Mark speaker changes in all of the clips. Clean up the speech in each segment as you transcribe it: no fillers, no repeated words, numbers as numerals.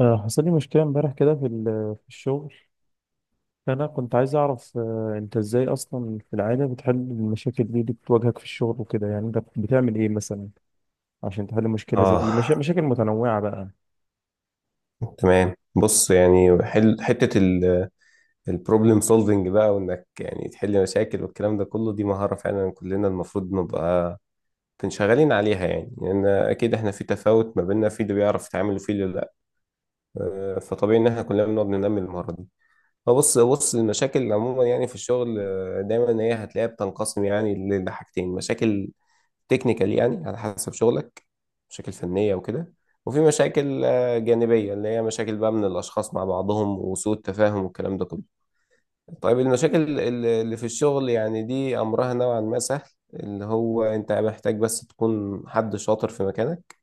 Speaker 1: حصل لي مشكلة امبارح كده في الشغل. فأنا كنت عايز أعرف، أنت إزاي أصلا في العادة بتحل المشاكل دي اللي بتواجهك في الشغل وكده، يعني أنت بتعمل إيه مثلا عشان تحل مشكلة زي دي؟
Speaker 2: اه
Speaker 1: مشاكل متنوعة بقى.
Speaker 2: تمام. بص، يعني حل حته البروبلم سولفنج بقى، وانك يعني تحل مشاكل والكلام ده كله، دي مهاره فعلا كلنا المفروض نبقى منشغلين عليها، يعني لان اكيد احنا في تفاوت ما بيننا، في اللي بيعرف يتعامل وفي اللي لا. فطبيعي ان احنا كلنا بنقعد ننمي المهاره دي. فبص المشاكل عموما يعني في الشغل، دايما هي هتلاقيها بتنقسم يعني لحاجتين: مشاكل تكنيكال يعني على حسب شغلك، مشاكل فنية وكده، وفي مشاكل جانبية اللي هي مشاكل بقى من الأشخاص مع بعضهم وسوء التفاهم والكلام ده كله. طيب، المشاكل اللي في الشغل يعني دي أمرها نوعا ما سهل، اللي هو أنت محتاج بس تكون حد شاطر في مكانك.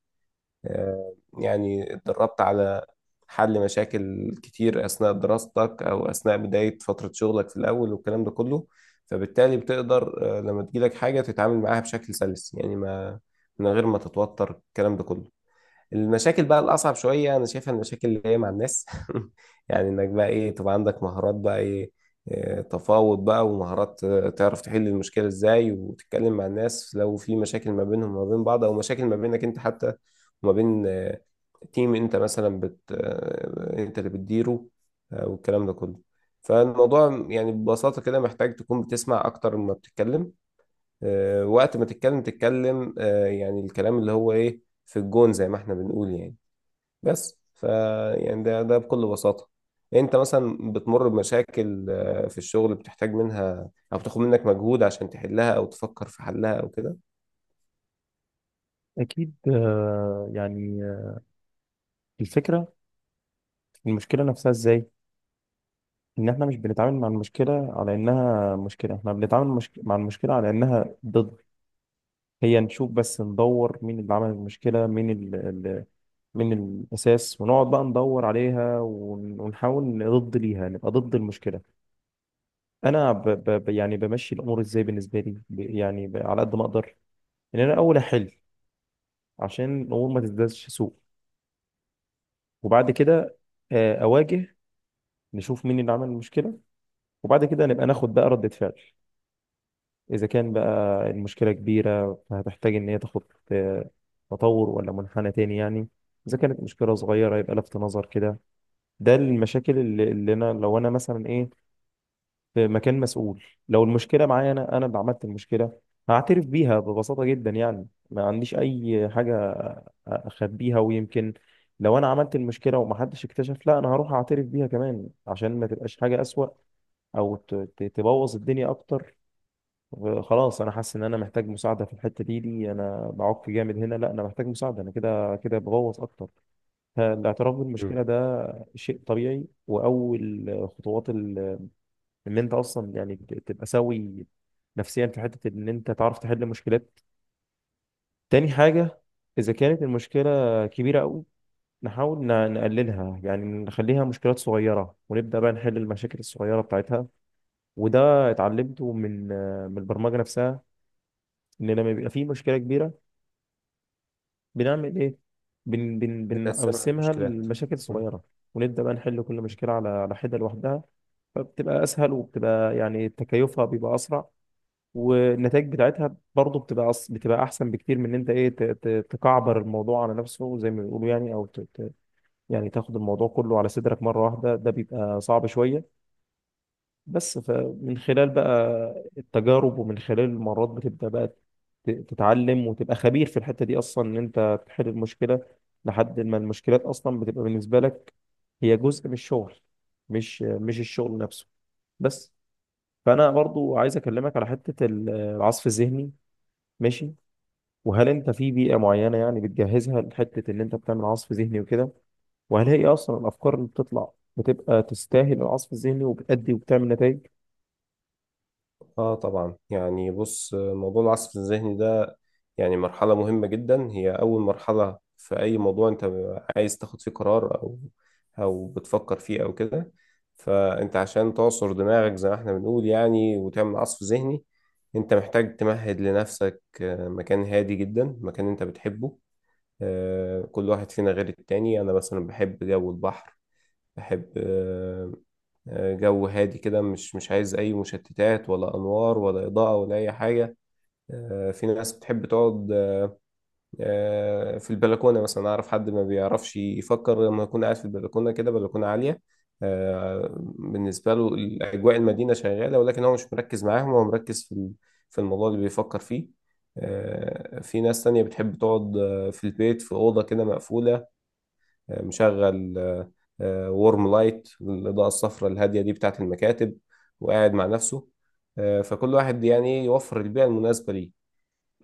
Speaker 2: يعني اتدربت على حل مشاكل كتير أثناء دراستك أو أثناء بداية فترة شغلك في الأول والكلام ده كله. فبالتالي بتقدر، لما تجيلك حاجة تتعامل معاها بشكل سلس، يعني ما من غير ما تتوتر الكلام ده كله. المشاكل بقى الأصعب شوية أنا شايفها المشاكل اللي هي مع الناس. يعني إنك بقى إيه؟ تبقى عندك مهارات بقى إيه؟ تفاوض بقى، ومهارات تعرف تحل المشكلة إزاي، وتتكلم مع الناس لو في مشاكل ما بينهم وما بين بعض، أو مشاكل ما بينك أنت حتى وما بين تيم أنت مثلا بت آه، أنت اللي بتديره. والكلام ده كله. فالموضوع يعني ببساطة كده محتاج تكون بتسمع أكتر ما بتتكلم. وقت ما تتكلم تتكلم يعني الكلام اللي هو إيه، في الجون زي ما احنا بنقول يعني. بس ف يعني ده بكل بساطة. انت مثلا بتمر بمشاكل في الشغل بتحتاج منها او بتاخد منك مجهود عشان تحلها او تفكر في حلها او كده.
Speaker 1: أكيد، الفكرة في المشكلة نفسها إزاي، إن إحنا مش بنتعامل مع المشكلة على إنها مشكلة، إحنا بنتعامل مع المشكلة على إنها ضد. هي نشوف بس، ندور مين اللي عمل المشكلة، مين ال ال مين الأساس، ونقعد بقى ندور عليها ونحاول ضد ليها، نبقى ضد المشكلة. أنا يعني بمشي الأمور إزاي بالنسبة لي، على قد ما أقدر إن أنا أول أحل، عشان الأمور ما تزدادش سوء. وبعد كده أواجه، نشوف مين اللي عمل المشكلة، وبعد كده نبقى ناخد بقى ردة فعل. إذا كان بقى المشكلة كبيرة، فهتحتاج إن هي تاخد آه، تطور ولا منحنى تاني يعني. إذا كانت مشكلة صغيرة، يبقى لفت نظر كده. ده المشاكل اللي أنا، لو أنا مثلا إيه في مكان مسؤول، لو المشكلة معايا، أنا أنا اللي عملت المشكلة، هعترف بيها ببساطة جدا، يعني ما عنديش أي حاجة أخبيها. ويمكن لو أنا عملت المشكلة ومحدش اكتشف، لا، أنا هروح أعترف بيها كمان، عشان ما تبقاش حاجة أسوأ أو تبوظ الدنيا أكتر. خلاص، انا حاسس ان انا محتاج مساعده في الحته دي، انا بعك جامد هنا، لا، انا محتاج مساعده، انا كده كده بغوص اكتر. فالاعتراف
Speaker 2: مم.
Speaker 1: بالمشكله ده شيء طبيعي، واول خطوات ان انت اصلا يعني تبقى سوي نفسيا، في حته ان انت تعرف تحل مشكلات. تاني حاجه، اذا كانت المشكله كبيره قوي، نحاول نقللها، يعني نخليها مشكلات صغيره ونبدا بقى نحل المشاكل الصغيره بتاعتها. وده اتعلمته من البرمجه نفسها، ان لما بيبقى في مشكله كبيره بنعمل ايه؟ بن بن
Speaker 2: بتقسمها
Speaker 1: بنقسمها
Speaker 2: المشكلات.
Speaker 1: لمشاكل
Speaker 2: مم.
Speaker 1: صغيره، ونبدا بقى نحل كل مشكله على حده لوحدها. فبتبقى اسهل، وبتبقى يعني تكيفها بيبقى اسرع، والنتائج بتاعتها برضه بتبقى بتبقى احسن بكتير من ان انت ايه تكعبر الموضوع على نفسه زي ما بيقولوا يعني، او يعني تاخد الموضوع كله على صدرك مره واحده، ده بيبقى صعب شويه. بس فمن خلال بقى التجارب ومن خلال المرات، بتبدأ بقى تتعلم وتبقى خبير في الحتة دي، أصلا إن أنت تحل المشكلة، لحد ما المشكلات أصلا بتبقى بالنسبة لك هي جزء من الشغل، مش الشغل نفسه. بس، فأنا برضو عايز أكلمك على حتة العصف الذهني. ماشي، وهل أنت في بيئة معينة يعني بتجهزها لحتة إن أنت بتعمل عصف ذهني وكده؟ وهل هي أصلا الأفكار اللي بتطلع بتبقى تستاهل العصف الذهني وبتأدي وبتعمل نتائج؟
Speaker 2: اه طبعا. يعني بص، موضوع العصف الذهني ده يعني مرحلة مهمة جدا، هي أول مرحلة في أي موضوع أنت عايز تاخد فيه قرار أو أو بتفكر فيه أو كده. فأنت عشان تعصر دماغك زي ما إحنا بنقول يعني، وتعمل عصف ذهني، أنت محتاج تمهد لنفسك مكان هادي جدا، مكان أنت بتحبه. كل واحد فينا غير التاني. أنا مثلا بحب جو البحر، بحب جو هادي كده، مش عايز أي مشتتات ولا أنوار ولا إضاءة ولا أي حاجة. في ناس بتحب تقعد في البلكونه مثلا. اعرف حد ما بيعرفش يفكر لما يكون قاعد في البلكونه كده، بلكونه عاليه. آه، بالنسبه له اجواء المدينه شغاله، ولكن هو مش مركز معاهم، هو مركز في الموضوع اللي بيفكر فيه. في ناس تانية بتحب تقعد في البيت في أوضة كده مقفولة، مشغل وورم لايت، الإضاءة الصفراء الهادية دي بتاعة المكاتب، وقاعد مع نفسه. فكل واحد يعني يوفر البيئة المناسبة ليه.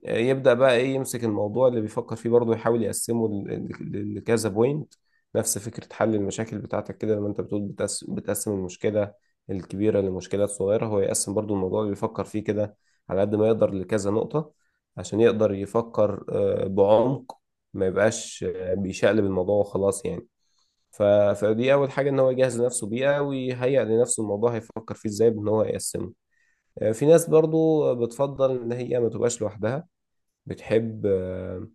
Speaker 2: يبدأ بقى ايه؟ يمسك الموضوع اللي بيفكر فيه برضه، يحاول يقسمه لكذا بوينت. نفس فكرة حل المشاكل بتاعتك كده لما انت بتقول بتقسم المشكلة الكبيرة لمشكلات صغيرة، هو يقسم برضه الموضوع اللي بيفكر فيه كده على قد ما يقدر لكذا نقطة، عشان يقدر يفكر بعمق، ما يبقاش بيشقلب الموضوع وخلاص يعني. ف- فدي أول حاجة، إن هو يجهز نفسه بيها ويهيئ لنفسه الموضوع هيفكر فيه إزاي، بإن هو يقسمه. في ناس برضو بتفضل إن هي ما تبقاش لوحدها، بتحب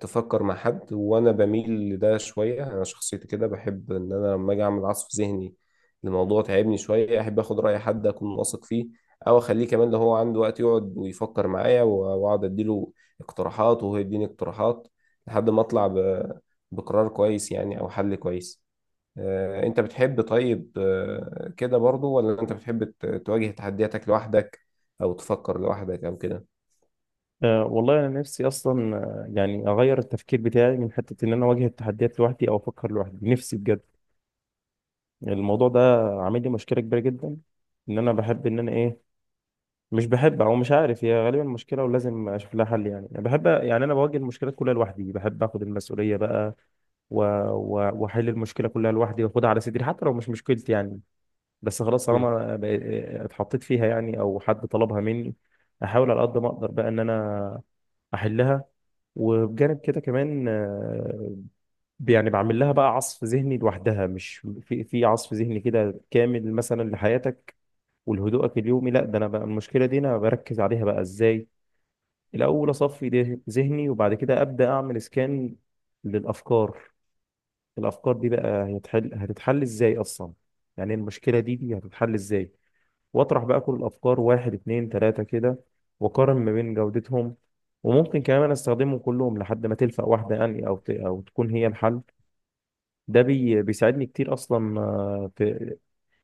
Speaker 2: تفكر مع حد، وانا بميل لده شويه. انا شخصيتي كده بحب ان انا لما اجي اعمل عصف ذهني الموضوع تعبني شويه، احب اخد راي حد اكون واثق فيه، او اخليه كمان لو هو عنده وقت يقعد ويفكر معايا، واقعد اديله اقتراحات وهو يديني اقتراحات لحد ما اطلع بقرار كويس يعني او حل كويس. انت بتحب طيب كده برضو، ولا انت بتحب تواجه تحدياتك لوحدك او تفكر لوحدك او كده؟
Speaker 1: أه والله، انا نفسي اصلا، يعني اغير التفكير بتاعي من حته ان انا اواجه التحديات لوحدي او افكر لوحدي، نفسي بجد. الموضوع ده عامل لي مشكله كبيره جدا، ان انا بحب ان انا ايه، مش بحب، او مش عارف هي غالبا مشكله ولازم اشوف لها حل. يعني أنا بحب، يعني انا بواجه المشكلات كلها لوحدي، بحب اخد المسؤوليه بقى، و- واحل المشكله كلها لوحدي واخدها على صدري حتى لو مش مشكلتي يعني. بس خلاص،
Speaker 2: مم.
Speaker 1: اتحطيت فيها يعني، او حد طلبها مني، احاول على قد ما اقدر بقى ان انا احلها. وبجانب كده كمان، يعني بعمل لها بقى عصف ذهني لوحدها، مش في عصف ذهني كده كامل مثلا لحياتك ولهدوءك اليومي، لا، ده انا بقى المشكله دي انا بركز عليها بقى ازاي. الاول اصفي ذهني، وبعد كده ابدا اعمل سكان للافكار. الافكار دي بقى هتحل، هتتحل ازاي اصلا، يعني المشكله دي هتتحل ازاي؟ واطرح بقى كل الافكار، واحد اتنين تلاتة كده، واقارن ما بين جودتهم. وممكن كمان استخدمهم كلهم لحد ما تلفق واحدة يعني، او او تكون هي الحل. ده بيساعدني كتير اصلا، في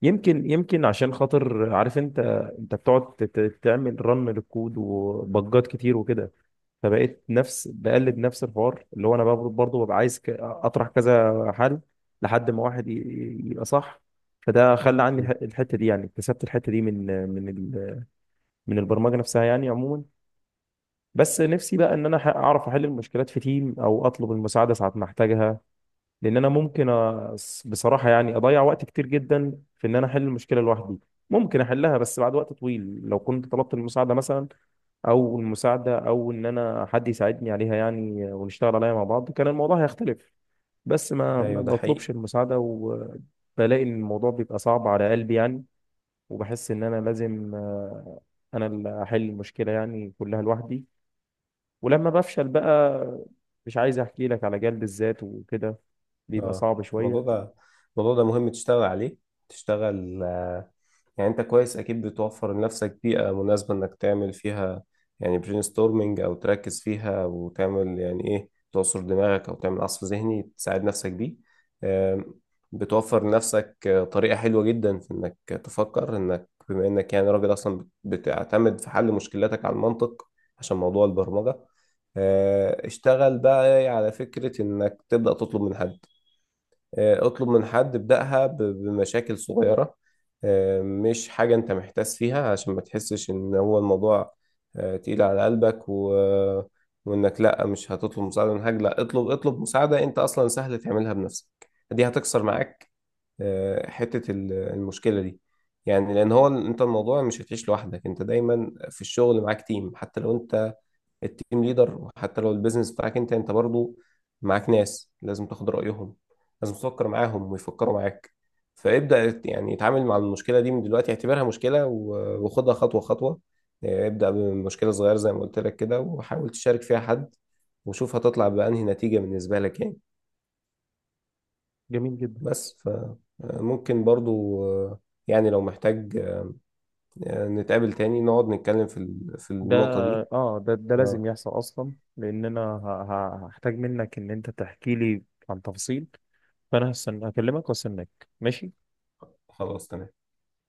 Speaker 1: يمكن، عشان خاطر عارف انت، انت بتقعد تعمل رن للكود وبجات كتير وكده، فبقيت نفس، بقلد نفس الحوار، اللي هو انا برضه ببقى عايز اطرح كذا حل لحد ما واحد يبقى صح. فده خلى عني
Speaker 2: مم.
Speaker 1: الحتة دي، يعني اكتسبت الحتة دي من البرمجه نفسها يعني عموما. بس نفسي بقى ان انا اعرف احل المشكلات في تيم، او اطلب المساعده ساعه ما احتاجها. لان انا ممكن بصراحه يعني اضيع وقت كتير جدا في ان انا احل المشكله لوحدي. ممكن احلها بس بعد وقت طويل، لو كنت طلبت المساعده مثلا، او المساعده، او ان انا حد يساعدني عليها يعني، ونشتغل عليها مع بعض، كان الموضوع هيختلف. بس ما
Speaker 2: ايوه، ده حقيقي.
Speaker 1: بطلبش المساعده، وبلاقي ان الموضوع بيبقى صعب على قلبي يعني. وبحس ان انا لازم، انا اللي احل المشكله يعني كلها لوحدي. ولما بفشل بقى، مش عايز احكي لك على جلد الذات وكده، بيبقى
Speaker 2: اه
Speaker 1: صعب
Speaker 2: الموضوع
Speaker 1: شويه.
Speaker 2: ده، الموضوع ده مهم تشتغل عليه. تشتغل يعني انت كويس اكيد بتوفر لنفسك بيئة مناسبة انك تعمل فيها يعني برين ستورمنج، او تركز فيها وتعمل يعني ايه، تعصر دماغك او تعمل عصف ذهني تساعد نفسك بيه. آم، بتوفر لنفسك طريقة حلوة جدا في انك تفكر، انك بما انك يعني راجل اصلا بتعتمد في حل مشكلاتك على المنطق عشان موضوع البرمجة. اشتغل بقى على فكرة انك تبدأ تطلب من حد، اطلب من حد ابدأها بمشاكل صغيرة، مش حاجة انت محتاس فيها عشان ما تحسش ان هو الموضوع تقيل على قلبك، و... وانك لا مش هتطلب مساعدة من حاجة، لا، اطلب مساعدة انت اصلا سهل تعملها بنفسك. دي هتكسر معاك حتة المشكلة دي. يعني لان هو انت الموضوع مش هتعيش لوحدك، انت دايما في الشغل معاك تيم، حتى لو انت التيم ليدر، وحتى لو البيزنس بتاعك انت، انت برضو معاك ناس لازم تاخد رأيهم، لازم تفكر معاهم ويفكروا معاك. فابدأ يعني اتعامل مع المشكلة دي من دلوقتي، اعتبرها مشكلة وخدها خطوة خطوة. اه، ابدأ بمشكلة صغيرة زي ما قلت لك كده، وحاول تشارك فيها حد، وشوف هتطلع بأنهي نتيجة بالنسبة لك يعني.
Speaker 1: جميل جدا.
Speaker 2: بس. فممكن برضو اه، يعني لو محتاج اه، نتقابل تاني نقعد نتكلم في
Speaker 1: ده
Speaker 2: النقطة دي.
Speaker 1: اه، ده
Speaker 2: اه،
Speaker 1: لازم يحصل اصلا، لان انا هحتاج منك ان انت تحكي لي عن تفاصيل. فانا هستنى اكلمك واستناك، ماشي.
Speaker 2: خلاص تمام.